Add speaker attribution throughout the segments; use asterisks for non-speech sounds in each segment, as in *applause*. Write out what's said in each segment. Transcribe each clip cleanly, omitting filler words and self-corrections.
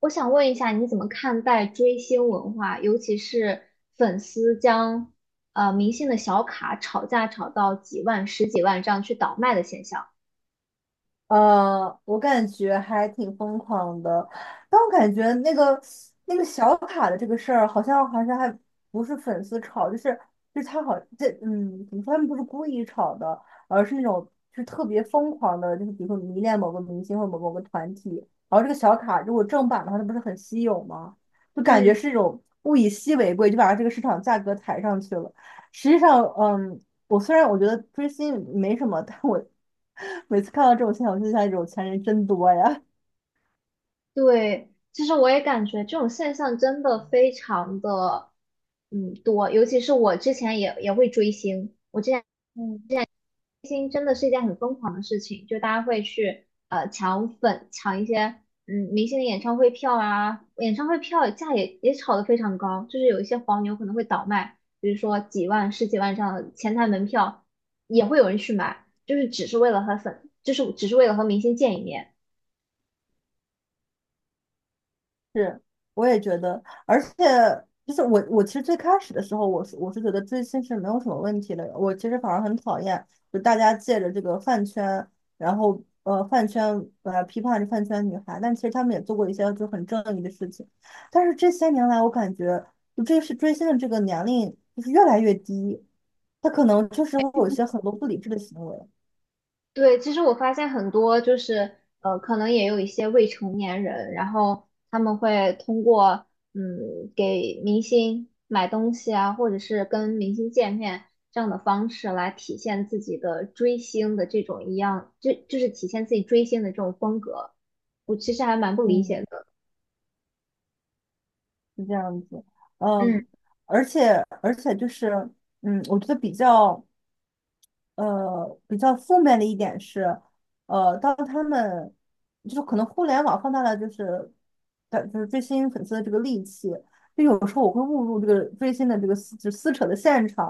Speaker 1: 我想问一下，你怎么看待追星文化，尤其是粉丝将明星的小卡炒价炒到几万、十几万这样去倒卖的现象？
Speaker 2: 我感觉还挺疯狂的，但我感觉那个小卡的这个事儿，好像还不是粉丝炒，就是他好这怎么说，他们不是故意炒的，而是那种就是特别疯狂的，就是比如说迷恋某个明星或某某个团体，然后这个小卡如果正版的话，它不是很稀有吗？就感觉
Speaker 1: 嗯，
Speaker 2: 是一种物以稀为贵，就把它这个市场价格抬上去了。实际上，嗯，虽然我觉得追星没什么，但我 *laughs* 每次看到这种现象，我就想，有钱人真多呀。
Speaker 1: 对，其实我也感觉这种现象真的非常的多，尤其是我之前也会追星，我之前。
Speaker 2: 嗯。
Speaker 1: 明星真的是一件很疯狂的事情，就大家会去抢粉，抢一些明星的演唱会票啊，演唱会票价也炒得非常高，就是有一些黄牛可能会倒卖，比如说几万、十几万这样的前台门票也会有人去买，就是只是为了和粉，就是只是为了和明星见一面。
Speaker 2: 是，我也觉得，而且就是我其实最开始的时候，我是觉得追星是没有什么问题的，我其实反而很讨厌，就大家借着这个饭圈，然后饭圈批判着饭圈女孩，但其实他们也做过一些就很正义的事情，但是这些年来，我感觉就这是追星的这个年龄就是越来越低，他可能确实会有一些很多不理智的行为。
Speaker 1: 对，其实我发现很多就是可能也有一些未成年人，然后他们会通过给明星买东西啊，或者是跟明星见面这样的方式来体现自己的追星的这种一样，就是体现自己追星的这种风格，我其实还蛮不理解
Speaker 2: 嗯，
Speaker 1: 的。
Speaker 2: 是这样子，
Speaker 1: 嗯。
Speaker 2: 嗯，而且而且就是嗯，我觉得比较。比较负面的一点是，当他们就是可能互联网放大了就是的就是追星粉丝的这个戾气，就有时候我会误入这个追星的这个撕扯的现场，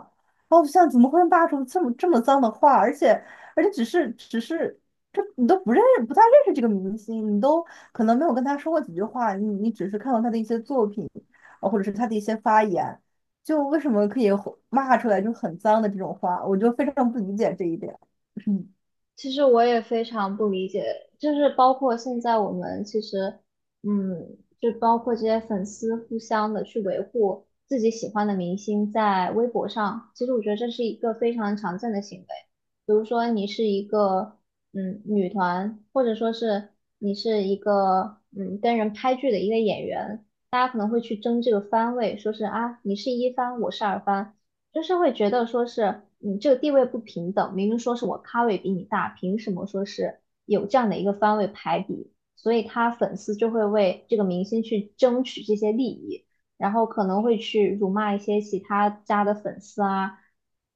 Speaker 2: 然后我想怎么会骂出这么脏的话，而且而且只是只是这你都不太认识这个明星，你都可能没有跟他说过几句话，你只是看过他的一些作品，或者是他的一些发言。就为什么可以吼骂出来就很脏的这种话，我就非常不理解这一点。嗯，
Speaker 1: 其实我也非常不理解，就是包括现在我们其实，嗯，就包括这些粉丝互相的去维护自己喜欢的明星在微博上，其实我觉得这是一个非常常见的行为。比如说你是一个女团，或者说是你是一个跟人拍剧的一个演员，大家可能会去争这个番位，说是啊你是一番，我是二番。就是会觉得说是你这个地位不平等，明明说是我咖位比你大，凭什么说是有这样的一个番位排比？所以他粉丝就会为这个明星去争取这些利益，然后可能会去辱骂一些其他家的粉丝啊，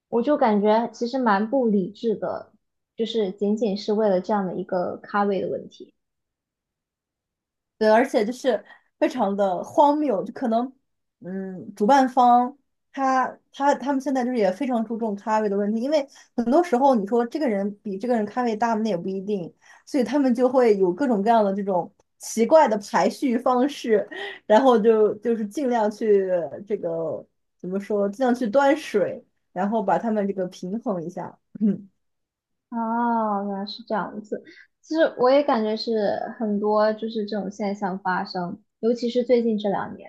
Speaker 1: 我就感觉其实蛮不理智的，就是仅仅是为了这样的一个咖位的问题。
Speaker 2: 对，而且就是非常的荒谬，就可能，嗯，主办方他们现在就是也非常注重咖位的问题，因为很多时候你说这个人比这个人咖位大，那也不一定，所以他们就会有各种各样的这种奇怪的排序方式，然后就是尽量去这个怎么说，尽量去端水，然后把他们这个平衡一下。*laughs* *clears throat*
Speaker 1: 哦，原来是这样子。其实我也感觉是很多就是这种现象发生，尤其是最近这两年，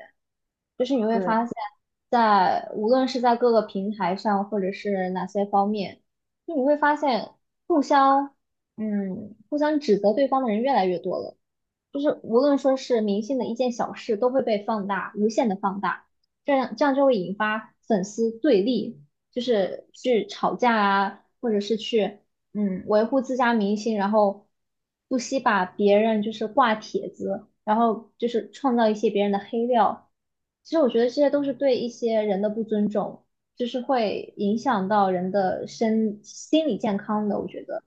Speaker 1: 就是你会
Speaker 2: 对，
Speaker 1: 发现在，无论是在各个平台上，或者是哪些方面，就你会发现互相互相指责对方的人越来越多了。就是无论说是明星的一件小事，都会被放大，无限的放大，这样就会引发粉丝对立，就是去吵架啊，或者是去维护自家明星，然后不惜把别人就是挂帖子，然后就是创造一些别人的黑料。其实我觉得这些都是对一些人的不尊重，就是会影响到人的身心理健康的，我觉得。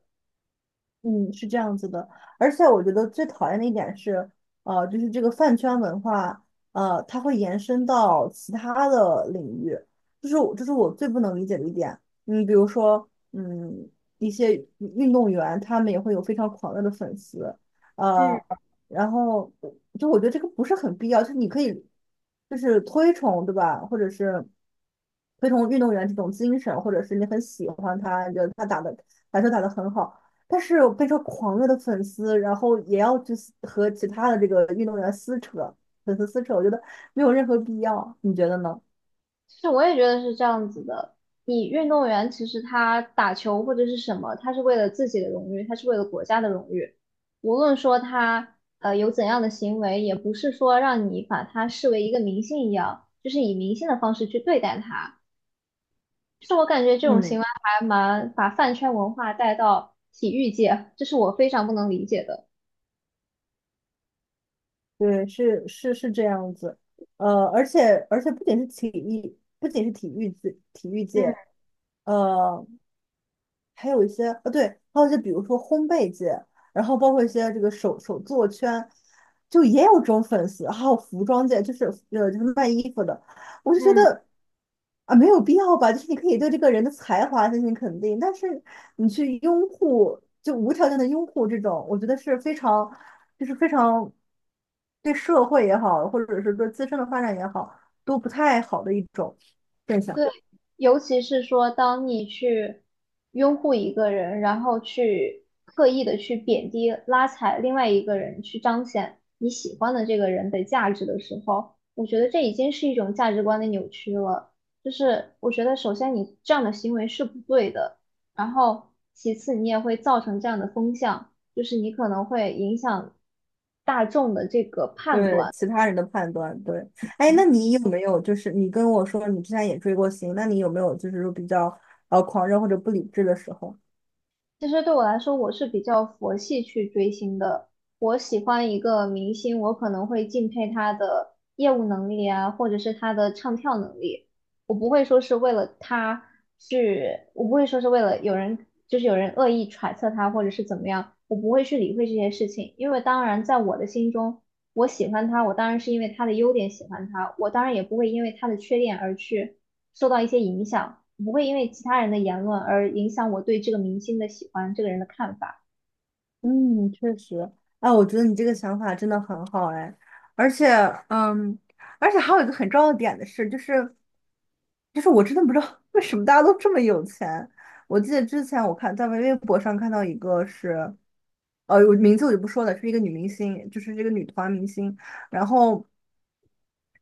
Speaker 2: 嗯，是这样子的，而且我觉得最讨厌的一点是，就是这个饭圈文化，它会延伸到其他的领域，这是我最不能理解的一点。嗯，比如说，嗯，一些运动员他们也会有非常狂热的粉丝，呃，
Speaker 1: 嗯，
Speaker 2: 然后就我觉得这个不是很必要，就是你可以就是推崇，对吧？或者是推崇运动员这种精神，或者是你很喜欢他，你觉得他打的篮球打得很好。但是我变成狂热的粉丝，然后也要去撕和其他的这个运动员撕扯，粉丝撕扯，我觉得没有任何必要，你觉得呢？
Speaker 1: 其实我也觉得是这样子的。你运动员其实他打球或者是什么，他是为了自己的荣誉，他是为了国家的荣誉。无论说他有怎样的行为，也不是说让你把他视为一个明星一样，就是以明星的方式去对待他。就是我感觉这种行为
Speaker 2: 嗯，
Speaker 1: 还蛮把饭圈文化带到体育界，这是我非常不能理解的。
Speaker 2: 对，是这样子，而且不仅是体育，不仅是体育界体育
Speaker 1: 嗯，
Speaker 2: 界，呃，还有一些对，还有一些比如说烘焙界，然后包括一些这个手作圈，就也有这种粉丝，还有服装界，就是就是卖衣服的，我就觉
Speaker 1: 嗯，
Speaker 2: 得啊没有必要吧，就是你可以对这个人的才华进行肯定，但是你去拥护，就无条件的拥护这种，我觉得是非常对社会也好，或者是对自身的发展也好，都不太好的一种现象。
Speaker 1: 对，尤其是说，当你去拥护一个人，然后去刻意的去贬低、拉踩另外一个人，去彰显你喜欢的这个人的价值的时候，我觉得这已经是一种价值观的扭曲了。就是我觉得，首先你这样的行为是不对的，然后其次你也会造成这样的风向，就是你可能会影响大众的这个判
Speaker 2: 对
Speaker 1: 断。
Speaker 2: 其他人的判断，对，哎，那你有没有就是你跟我说你之前也追过星，那你有没有就是说比较狂热或者不理智的时候？
Speaker 1: 其实对我来说，我是比较佛系去追星的。我喜欢一个明星，我可能会敬佩他的业务能力啊，或者是他的唱跳能力。我不会说是为了他去，我不会说是为了有人，就是有人恶意揣测他或者是怎么样，我不会去理会这些事情。因为当然，在我的心中，我喜欢他，我当然是因为他的优点喜欢他，我当然也不会因为他的缺点而去。受到一些影响，不会因为其他人的言论而影响我对这个明星的喜欢，这个人的看法。
Speaker 2: 嗯，确实，哎，我觉得你这个想法真的很好，哎，而且，嗯，而且还有一个很重要的点的是，就是，就是我真的不知道 *laughs* 为什么大家都这么有钱。我记得之前我看在微博上看到一个是，我名字我就不说了，是一个女明星，就是这个女团明星，然后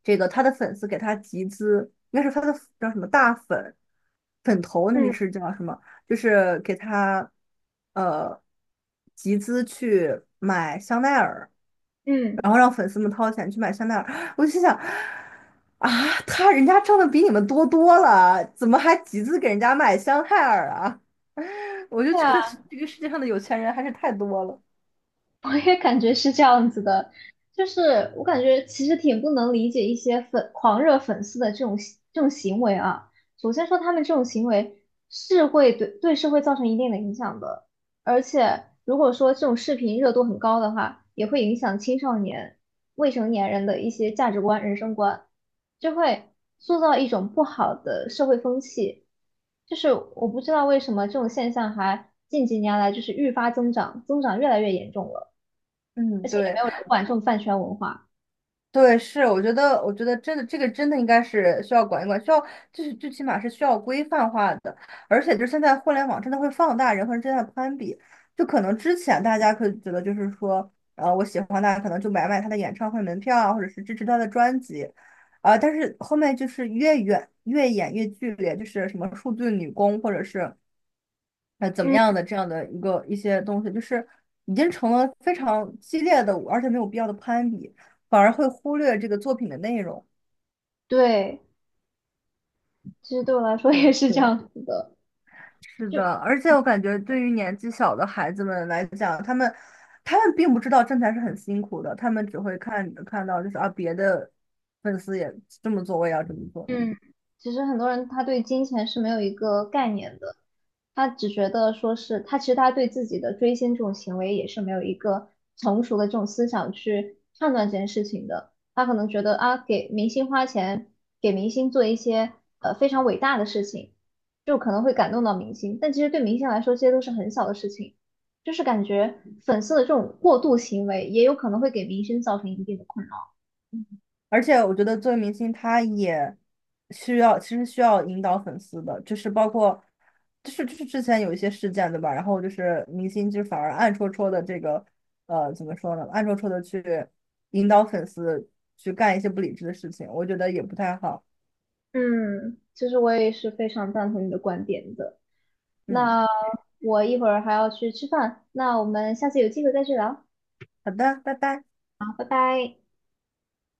Speaker 2: 这个她的粉丝给她集资，应该是她的叫什么大粉粉头，那个
Speaker 1: 嗯
Speaker 2: 是叫什么？就是给他呃集资去买香奈儿，
Speaker 1: 嗯，
Speaker 2: 然后让粉丝们掏钱去买香奈儿。*gasps* 我就心想，啊，他人家挣的比你们多了，怎么还集资给人家买香奈儿啊？*laughs* 我就
Speaker 1: 对
Speaker 2: 觉
Speaker 1: 啊。
Speaker 2: 得这个世界上的有钱人还是太多了。
Speaker 1: 我也感觉是这样子的，就是我感觉其实挺不能理解一些粉狂热粉丝的这种行为啊。首先说他们这种行为是会对社会造成一定的影响的，而且如果说这种视频热度很高的话，也会影响青少年、未成年人的一些价值观、人生观，就会塑造一种不好的社会风气。就是我不知道为什么这种现象还近几年来就是愈发增长，增长越来越严重了。而
Speaker 2: 嗯，
Speaker 1: 且也没
Speaker 2: 对。
Speaker 1: 有人管这种饭圈文化。
Speaker 2: 对，是，我觉得真的，这个真的应该是需要管一管，需要就是最起码是需要规范化的，而且就是现在互联网真的会放大人和人之间的攀比，就可能之前大家可以觉得就是说，我喜欢他，可能就买他的演唱会门票啊，或者是支持他的专辑，啊、但是后面就是越远越演越剧烈，就是什么数字女工，或者是怎么
Speaker 1: 嗯，
Speaker 2: 样的这样的一个一些东西，就是已经成了非常激烈的，而且没有必要的攀比，反而会忽略这个作品的内容。
Speaker 1: 对，其实对我来说也
Speaker 2: 对，
Speaker 1: 是这样子的，
Speaker 2: 是
Speaker 1: 就
Speaker 2: 的，而且我感觉对于年纪小的孩子们来讲，他们并不知道挣钱是很辛苦的，他们只会看到就是啊别的粉丝也这么做，我也要这么做。
Speaker 1: 嗯其实很多人他对金钱是没有一个概念的，他只觉得说是他其实他对自己的追星这种行为也是没有一个成熟的这种思想去判断这件事情的。他可能觉得啊，给明星花钱，给明星做一些非常伟大的事情，就可能会感动到明星，但其实对明星来说，这些都是很小的事情。就是感觉粉丝的这种过度行为，也有可能会给明星造成一定的困扰。
Speaker 2: 而且我觉得作为明星，他也需要，其实需要引导粉丝的，就是包括，就是之前有一些事件，对吧？然后就是明星就反而暗戳戳的这个，呃，怎么说呢？暗戳戳的去引导粉丝去干一些不理智的事情，我觉得也不太好。
Speaker 1: 嗯，其实我也是非常赞同你的观点的。
Speaker 2: 嗯，
Speaker 1: 那我一会儿还要去吃饭，那我们下次有机会再去聊，好，
Speaker 2: 好的，拜拜。
Speaker 1: 拜拜。